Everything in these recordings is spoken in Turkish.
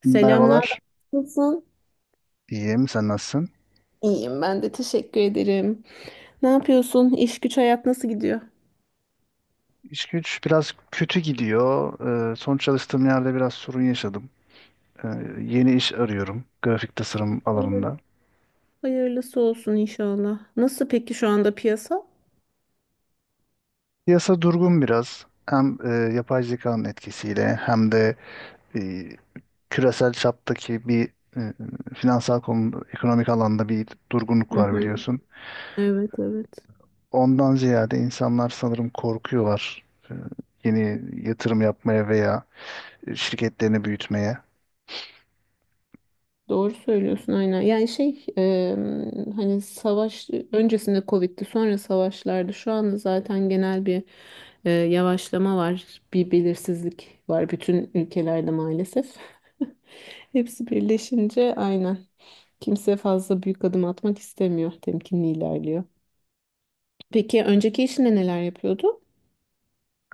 Selam, Merhabalar. naber? Nasılsın? İyiyim. Sen nasılsın? İyiyim ben de teşekkür ederim. Ne yapıyorsun? İş güç hayat nasıl gidiyor? İş güç biraz kötü gidiyor. Son çalıştığım yerde biraz sorun yaşadım. Ee, yeni iş arıyorum. Grafik tasarım alanında. Hayırlısı olsun inşallah. Nasıl peki şu anda piyasa? Piyasa durgun biraz. Hem yapay zekanın etkisiyle hem de e, küresel çaptaki bir e, finansal konu, ekonomik alanda bir durgunluk Hı var hı. biliyorsun. Evet, evet. Ondan ziyade insanlar sanırım korkuyorlar. e, yeni yatırım yapmaya veya şirketlerini büyütmeye. Doğru söylüyorsun aynen. Yani şey hani savaş öncesinde Covid'di, sonra savaşlardı. Şu anda zaten genel bir yavaşlama var. Bir belirsizlik var bütün ülkelerde maalesef. Hepsi birleşince aynen. Kimse fazla büyük adım atmak istemiyor. Temkinli ilerliyor. Peki önceki işinde neler yapıyordu?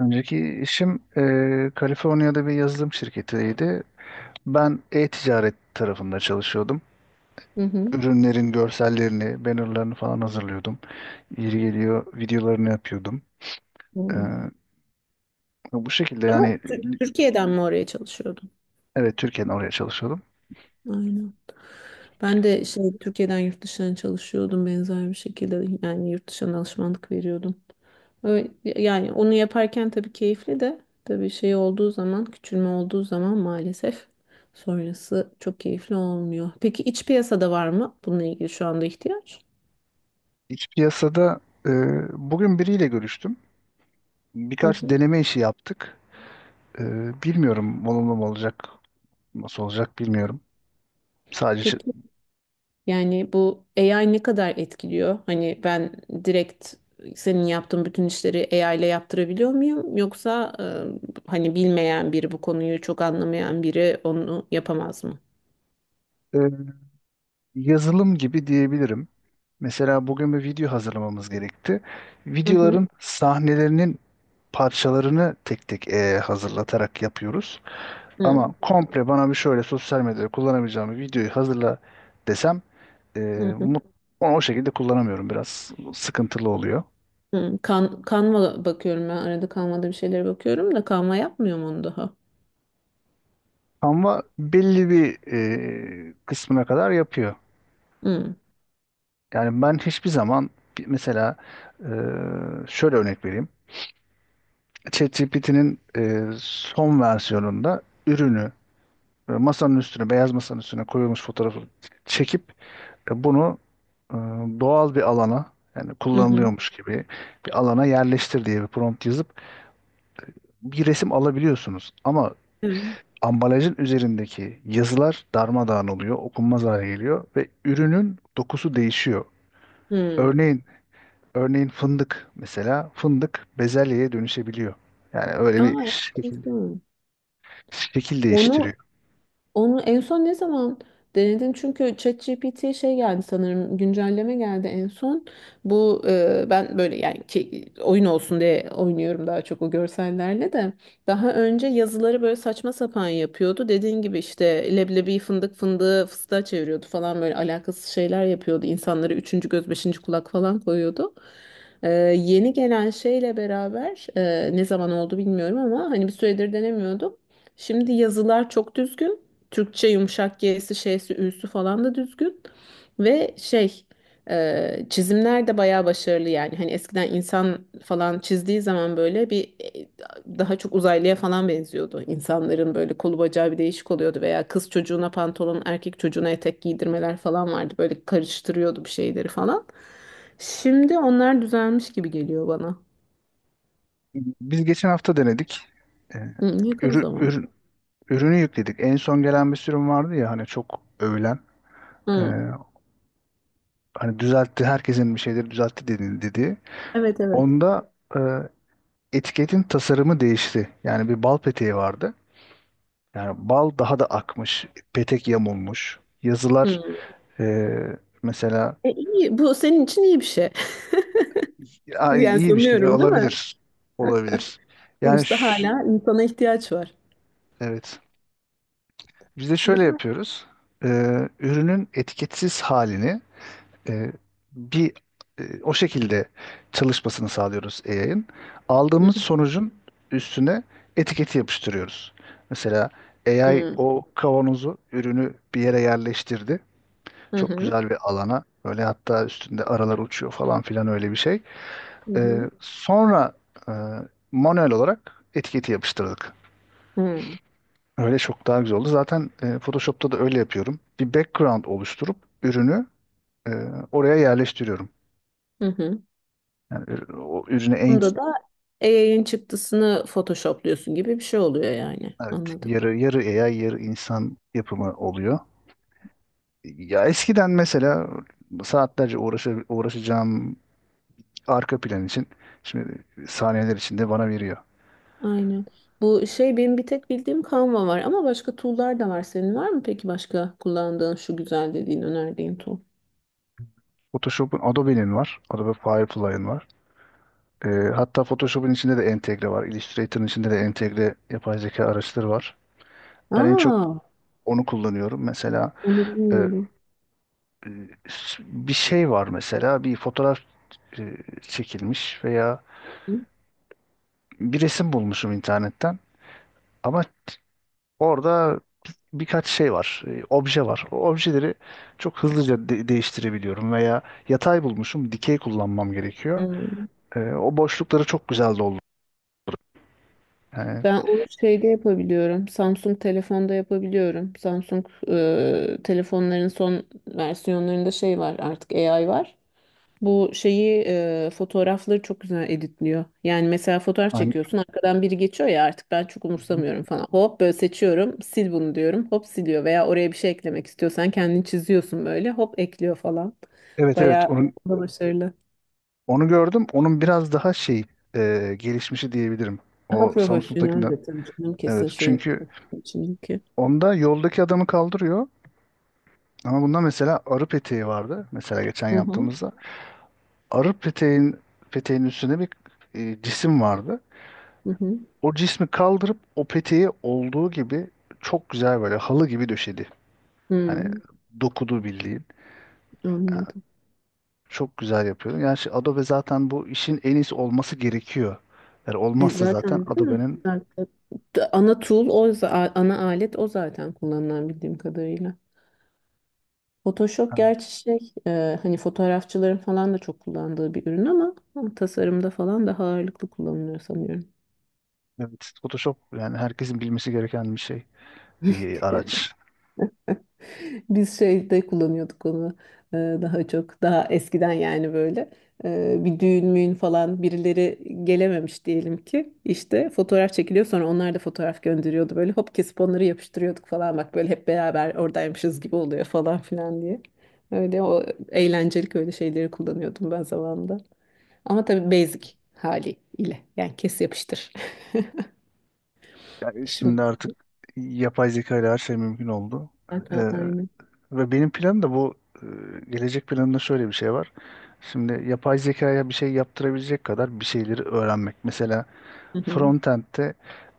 Önceki işim Kaliforniya'da bir yazılım şirketiydi. Ben e-ticaret tarafında çalışıyordum. Hı hı. Ürünlerin görsellerini, bannerlarını falan hazırlıyordum. Yeri geliyor videolarını yapıyordum. Eee, Hmm. bu şekilde Ama yani. Türkiye'den mi oraya çalışıyordun? Evet, Türkiye'den oraya çalışıyordum. Aynen. Ben de şey Türkiye'den yurt dışına çalışıyordum benzer bir şekilde. Yani yurt dışına alışmanlık veriyordum. Öyle- Yani onu yaparken tabii keyifli de, tabii şey olduğu zaman, küçülme olduğu zaman maalesef sonrası çok keyifli olmuyor. Peki iç piyasada var mı bununla ilgili şu anda ihtiyaç? İç piyasada e, bugün biriyle görüştüm. Hı Birkaç hı. deneme işi yaptık. E, bilmiyorum olumlu mu olacak, nasıl olacak bilmiyorum. Sadece. Peki yani bu AI ne kadar etkiliyor? Hani ben direkt senin yaptığın bütün işleri AI ile yaptırabiliyor muyum? Yoksa hani bilmeyen biri, bu konuyu çok anlamayan biri onu yapamaz mı? E, yazılım gibi diyebilirim. Mesela bugün bir video hazırlamamız gerekti. Hı hı. Videoların sahnelerinin parçalarını tek tek hazırlatarak yapıyoruz. Hı Ama komple bana bir şöyle sosyal medyada kullanabileceğim bir videoyu hazırla desem, e, hı. mut- onu o şekilde kullanamıyorum. Biraz sıkıntılı oluyor. Kanva bakıyorum ben, arada kanvada bir şeylere bakıyorum da kanva yapmıyor mu onu daha. Ama belli bir kısmına kadar yapıyor. Hı, Yani ben hiçbir zaman, mesela e, şöyle örnek vereyim. ChatGPT'nin son versiyonunda ürünü masanın üstüne, beyaz masanın üstüne koyulmuş fotoğrafı çekip bunu e, doğal bir alana yani hı hı. kullanılıyormuş gibi bir alana yerleştir diye bir prompt yazıp bir resim alabiliyorsunuz. Ama Evet. ambalajın üzerindeki yazılar darmadağın oluyor, okunmaz hale geliyor ve ürünün dokusu değişiyor. Hı. Örneğin, örneğin, fındık mesela fındık bezelyeye dönüşebiliyor. Yani öyle bir Aa, şekil, enteresan. şekil değiştiriyor. Onu Onu en son ne zaman denedin? Çünkü ChatGPT'ye şey geldi sanırım, güncelleme geldi en son. Bu ben böyle yani ki, oyun olsun diye oynuyorum daha çok o görsellerle de. Daha önce yazıları böyle saçma sapan yapıyordu. Dediğin gibi işte leblebi fındık, fındığı fıstığa çeviriyordu falan, böyle alakasız şeyler yapıyordu. İnsanlara üçüncü göz, beşinci kulak falan koyuyordu. E, yeni gelen şeyle beraber ne zaman oldu bilmiyorum ama hani bir süredir denemiyordum. Şimdi yazılar çok düzgün. Türkçe yumuşak G'si, şeysi, ü'sü falan da düzgün. Ve şey çizimler de bayağı başarılı yani. Hani eskiden insan falan çizdiği zaman böyle bir daha çok uzaylıya falan benziyordu. İnsanların böyle kolu bacağı bir değişik oluyordu veya kız çocuğuna pantolon, erkek çocuğuna etek giydirmeler falan vardı. Böyle karıştırıyordu bir şeyleri falan. Şimdi onlar düzelmiş gibi geliyor bana. Biz geçen hafta denedik. Ee, Hı, yakın ürü- zaman. ürün- ürünü yükledik. En son gelen bir sürüm vardı ya hani çok övülen. Ee, Hı, hani düzeltti, herkesin bir şeyleri düzeltti dedi, dedi. evet, evet. Onda etiketin tasarımı değişti. Yani bir bal peteği vardı. Yani bal daha da akmış, petek yamulmuş. Yazılar Hı. e, mesela. E, iyi. Bu senin için iyi bir şey. Aa, Yani iyi bir şey sanıyorum, değil mi? olabilir. Olabilir. Yani Sonuçta hala insana ihtiyaç var. evet. Biz de şöyle Güzel. yapıyoruz. E, ürünün etiketsiz halini e, bir o şekilde çalışmasını sağlıyoruz AI'ın. Hı Aldığımız hı. sonucun üstüne etiketi yapıştırıyoruz. Mesela Hı AI hı. o kavanozu, ürünü bir yere yerleştirdi. Çok Hı güzel bir alana. Böyle hatta üstünde aralar uçuyor falan filan öyle bir şey. Ee, hı. sonra e, manuel olarak etiketi yapıştırdık. Hı Öyle çok daha güzel oldu. Zaten Photoshop'ta da öyle yapıyorum. Bir background oluşturup ürünü e, oraya yerleştiriyorum. hı. Hı. Yani o ürüne en, Bunda da AI'ın çıktısını Photoshop'luyorsun gibi bir şey oluyor yani. evet, Anladım. yarı yarı AI yarı insan yapımı oluyor. Ya eskiden mesela saatlerce uğraşacağım arka plan için şimdi saniyeler içinde bana veriyor. Aynen. Bu şey benim bir tek bildiğim Canva var ama başka tool'lar da var. Senin var mı peki başka kullandığın şu güzel dediğin önerdiğin tool? Photoshop'un Adobe'nin var. Adobe Firefly'ın var. Hatta Photoshop'un içinde de entegre var. Illustrator'ın içinde de entegre yapay zeka araçları var. Ben en çok Aa, onu kullanıyorum. Mesela onu e, bilmiyordum. bir şey var mesela bir fotoğraf e, çekilmiş veya Hı. bir resim bulmuşum internetten ama orada birkaç şey var, obje var. O objeleri çok hızlıca değiştirebiliyorum veya yatay bulmuşum, dikey kullanmam gerekiyor. Hı. O boşlukları çok güzel doldu. Yani, Ben onu şeyde yapabiliyorum. Samsung telefonda yapabiliyorum. Samsung telefonların son versiyonlarında şey var artık, AI var. Bu şeyi fotoğrafları çok güzel editliyor. Yani mesela fotoğraf hani. çekiyorsun, arkadan biri geçiyor ya, artık ben çok umursamıyorum falan. Hop böyle seçiyorum, sil bunu diyorum, hop siliyor; veya oraya bir şey eklemek istiyorsan kendini çiziyorsun böyle, hop ekliyor falan. Evet, evet, Bayağı onu, da başarılı. onu gördüm. Onun biraz daha şey, gelişmişi diyebilirim. Daha O profesyonel Samsung'dakinden. de tabii canım, Evet, kesin şeyin çünkü içindeki. onda yoldaki adamı kaldırıyor. Ama bunda mesela arı peteği vardı. Mesela geçen Hı hı. yaptığımızda. Arı peteğin üstüne bir cisim vardı. Hı hı. O cismi kaldırıp o peteği olduğu gibi çok güzel böyle halı gibi döşedi. Hani Hı. dokudu bildiğin. Anladım. Çok güzel yapıyor. Yani şey, Adobe zaten bu işin en iyisi olması gerekiyor. Yani E olmazsa zaten zaten değil mi? Adobe'nin. Ana tool ana alet o zaten kullanılan bildiğim kadarıyla. Photoshop gerçi şey hani fotoğrafçıların falan da çok kullandığı bir ürün ama tasarımda falan daha ağırlıklı kullanılıyor sanıyorum. Evet, Photoshop yani herkesin bilmesi gereken bir şey, bir araç. Biz şeyde kullanıyorduk onu daha çok, daha eskiden, yani böyle bir düğün müğün falan birileri gelememiş diyelim ki, işte fotoğraf çekiliyor, sonra onlar da fotoğraf gönderiyordu, böyle hop kesip onları yapıştırıyorduk falan, bak böyle hep beraber oradaymışız gibi oluyor falan filan diye. Öyle o eğlencelik öyle şeyleri kullanıyordum ben zamanında. Ama tabii basic haliyle, yani kes yapıştır. Yani Şimdi şimdi artık yapay zeka ile her şey mümkün oldu. zaten Ee, aynı. ve benim planım da bu, e, gelecek planımda şöyle bir şey var. Şimdi yapay zekaya bir şey yaptırabilecek kadar bir şeyleri öğrenmek. Mesela Hı hı. frontend'de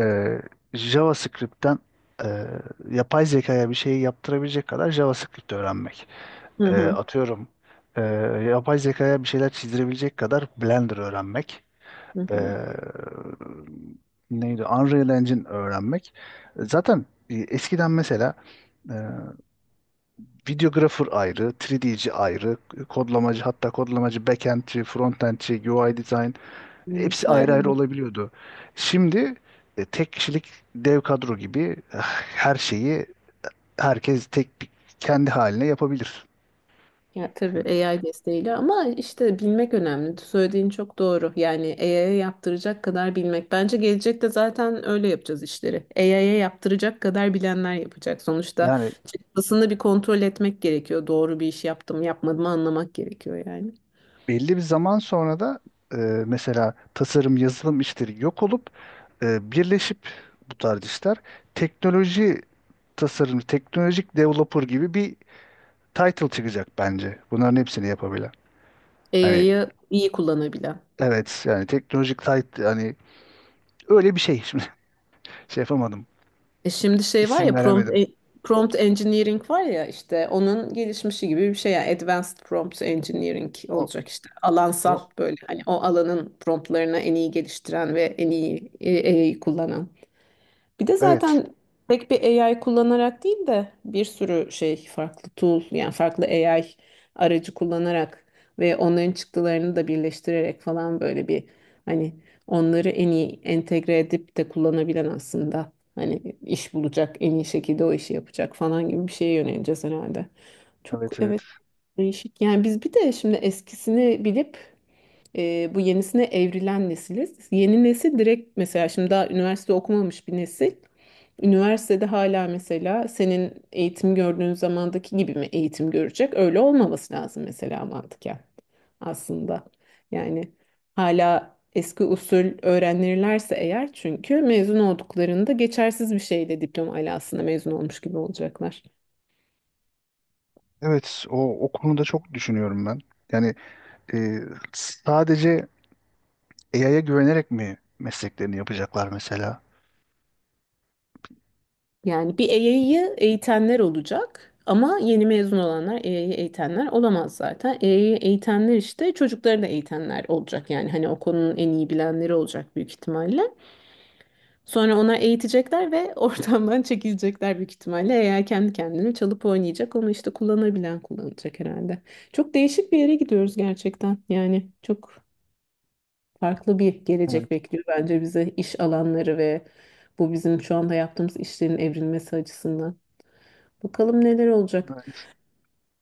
e, JavaScript'ten e, yapay zekaya bir şeyi yaptırabilecek kadar JavaScript öğrenmek. Hı E, hı. atıyorum e, yapay zekaya bir şeyler çizdirebilecek kadar Blender öğrenmek. Hı e, hı. neydi? Unreal Engine öğrenmek. Zaten eskiden mesela e, videographer ayrı, 3D'ci ayrı, kodlamacı hatta kodlamacı backend'ci, frontend'ci, UI design Benim hepsi ayrı ayrı olabiliyordu. Şimdi tek kişilik dev kadro gibi, her şeyi herkes kendi haline yapabilir. Ya tabii AI desteğiyle ama işte bilmek önemli. Söylediğin çok doğru. Yani AI'ye yaptıracak kadar bilmek. Bence gelecekte zaten öyle yapacağız işleri. AI'ye yaptıracak kadar bilenler yapacak. Sonuçta Yani çıktısını bir kontrol etmek gerekiyor. Doğru bir iş yaptım, yapmadım anlamak gerekiyor yani. belli bir zaman sonra da e, mesela tasarım, yazılım işleri yok olup birleşip bu tarz işler teknoloji tasarım, teknolojik developer gibi bir title çıkacak bence. Bunların hepsini yapabilen. Hani, AI'yı iyi kullanabilen. evet, yani teknolojik title, hani öyle bir şey. Şimdi şey yapamadım. E şimdi şey var İsim ya, prompt veremedim. e- prompt engineering var ya, işte onun gelişmişi gibi bir şey, yani advanced prompt engineering Ama olacak işte, alansal pro- böyle, hani o alanın promptlarını en iyi geliştiren ve en iyi AI kullanan. Bir de evet, zaten tek bir AI kullanarak değil de bir sürü şey, farklı tool, yani farklı AI aracı kullanarak ve onların çıktılarını da birleştirerek falan, böyle bir, hani onları en iyi entegre edip de kullanabilen aslında hani iş bulacak, en iyi şekilde o işi yapacak falan gibi bir şeye yöneleceğiz herhalde. Çok, evet, evet. evet, değişik. Yani biz bir de şimdi eskisini bilip bu yenisine evrilen nesiliz. Yeni nesil direkt mesela şimdi daha üniversite okumamış bir nesil. Üniversitede hala mesela senin eğitim gördüğün zamandaki gibi mi eğitim görecek? Öyle olmaması lazım mesela, mantıken aslında. Yani hala eski usul öğrenirlerse eğer, çünkü mezun olduklarında geçersiz bir şeyle diploma alasında mezun olmuş gibi olacaklar. Evet, o konuda çok düşünüyorum ben. Yani e, sadece AI'ya güvenerek mi mesleklerini yapacaklar mesela? Yani bir EY'yi eğitenler olacak ama yeni mezun olanlar EY'yi eğitenler olamaz zaten. EY'yi eğitenler işte çocukları da eğitenler olacak, yani hani o konunun en iyi bilenleri olacak büyük ihtimalle. Sonra ona eğitecekler ve ortamdan çekilecekler büyük ihtimalle. Eğer kendi kendine çalıp oynayacak onu, işte kullanabilen kullanacak herhalde. Çok değişik bir yere gidiyoruz gerçekten. Yani çok farklı bir Evet, gelecek bekliyor bence bize, iş alanları ve bu bizim şu anda yaptığımız işlerin evrilmesi açısından. Bakalım neler olacak. ben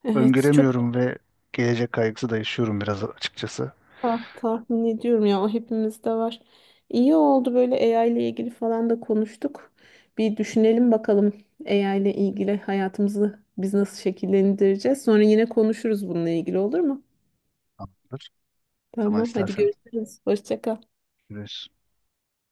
Evet, çok iyi öngöremiyorum ve gelecek kaygısı da yaşıyorum biraz açıkçası. Tahmin ediyorum ya, o hepimizde var. İyi oldu böyle AI ile ilgili falan da konuştuk. Bir düşünelim bakalım AI ile ilgili hayatımızı biz nasıl şekillendireceğiz. Sonra yine konuşuruz bununla ilgili, olur mu? Tamamdır. Ne zaman Tamam, hadi istersen. görüşürüz. Hoşça kal. Görüşürüz.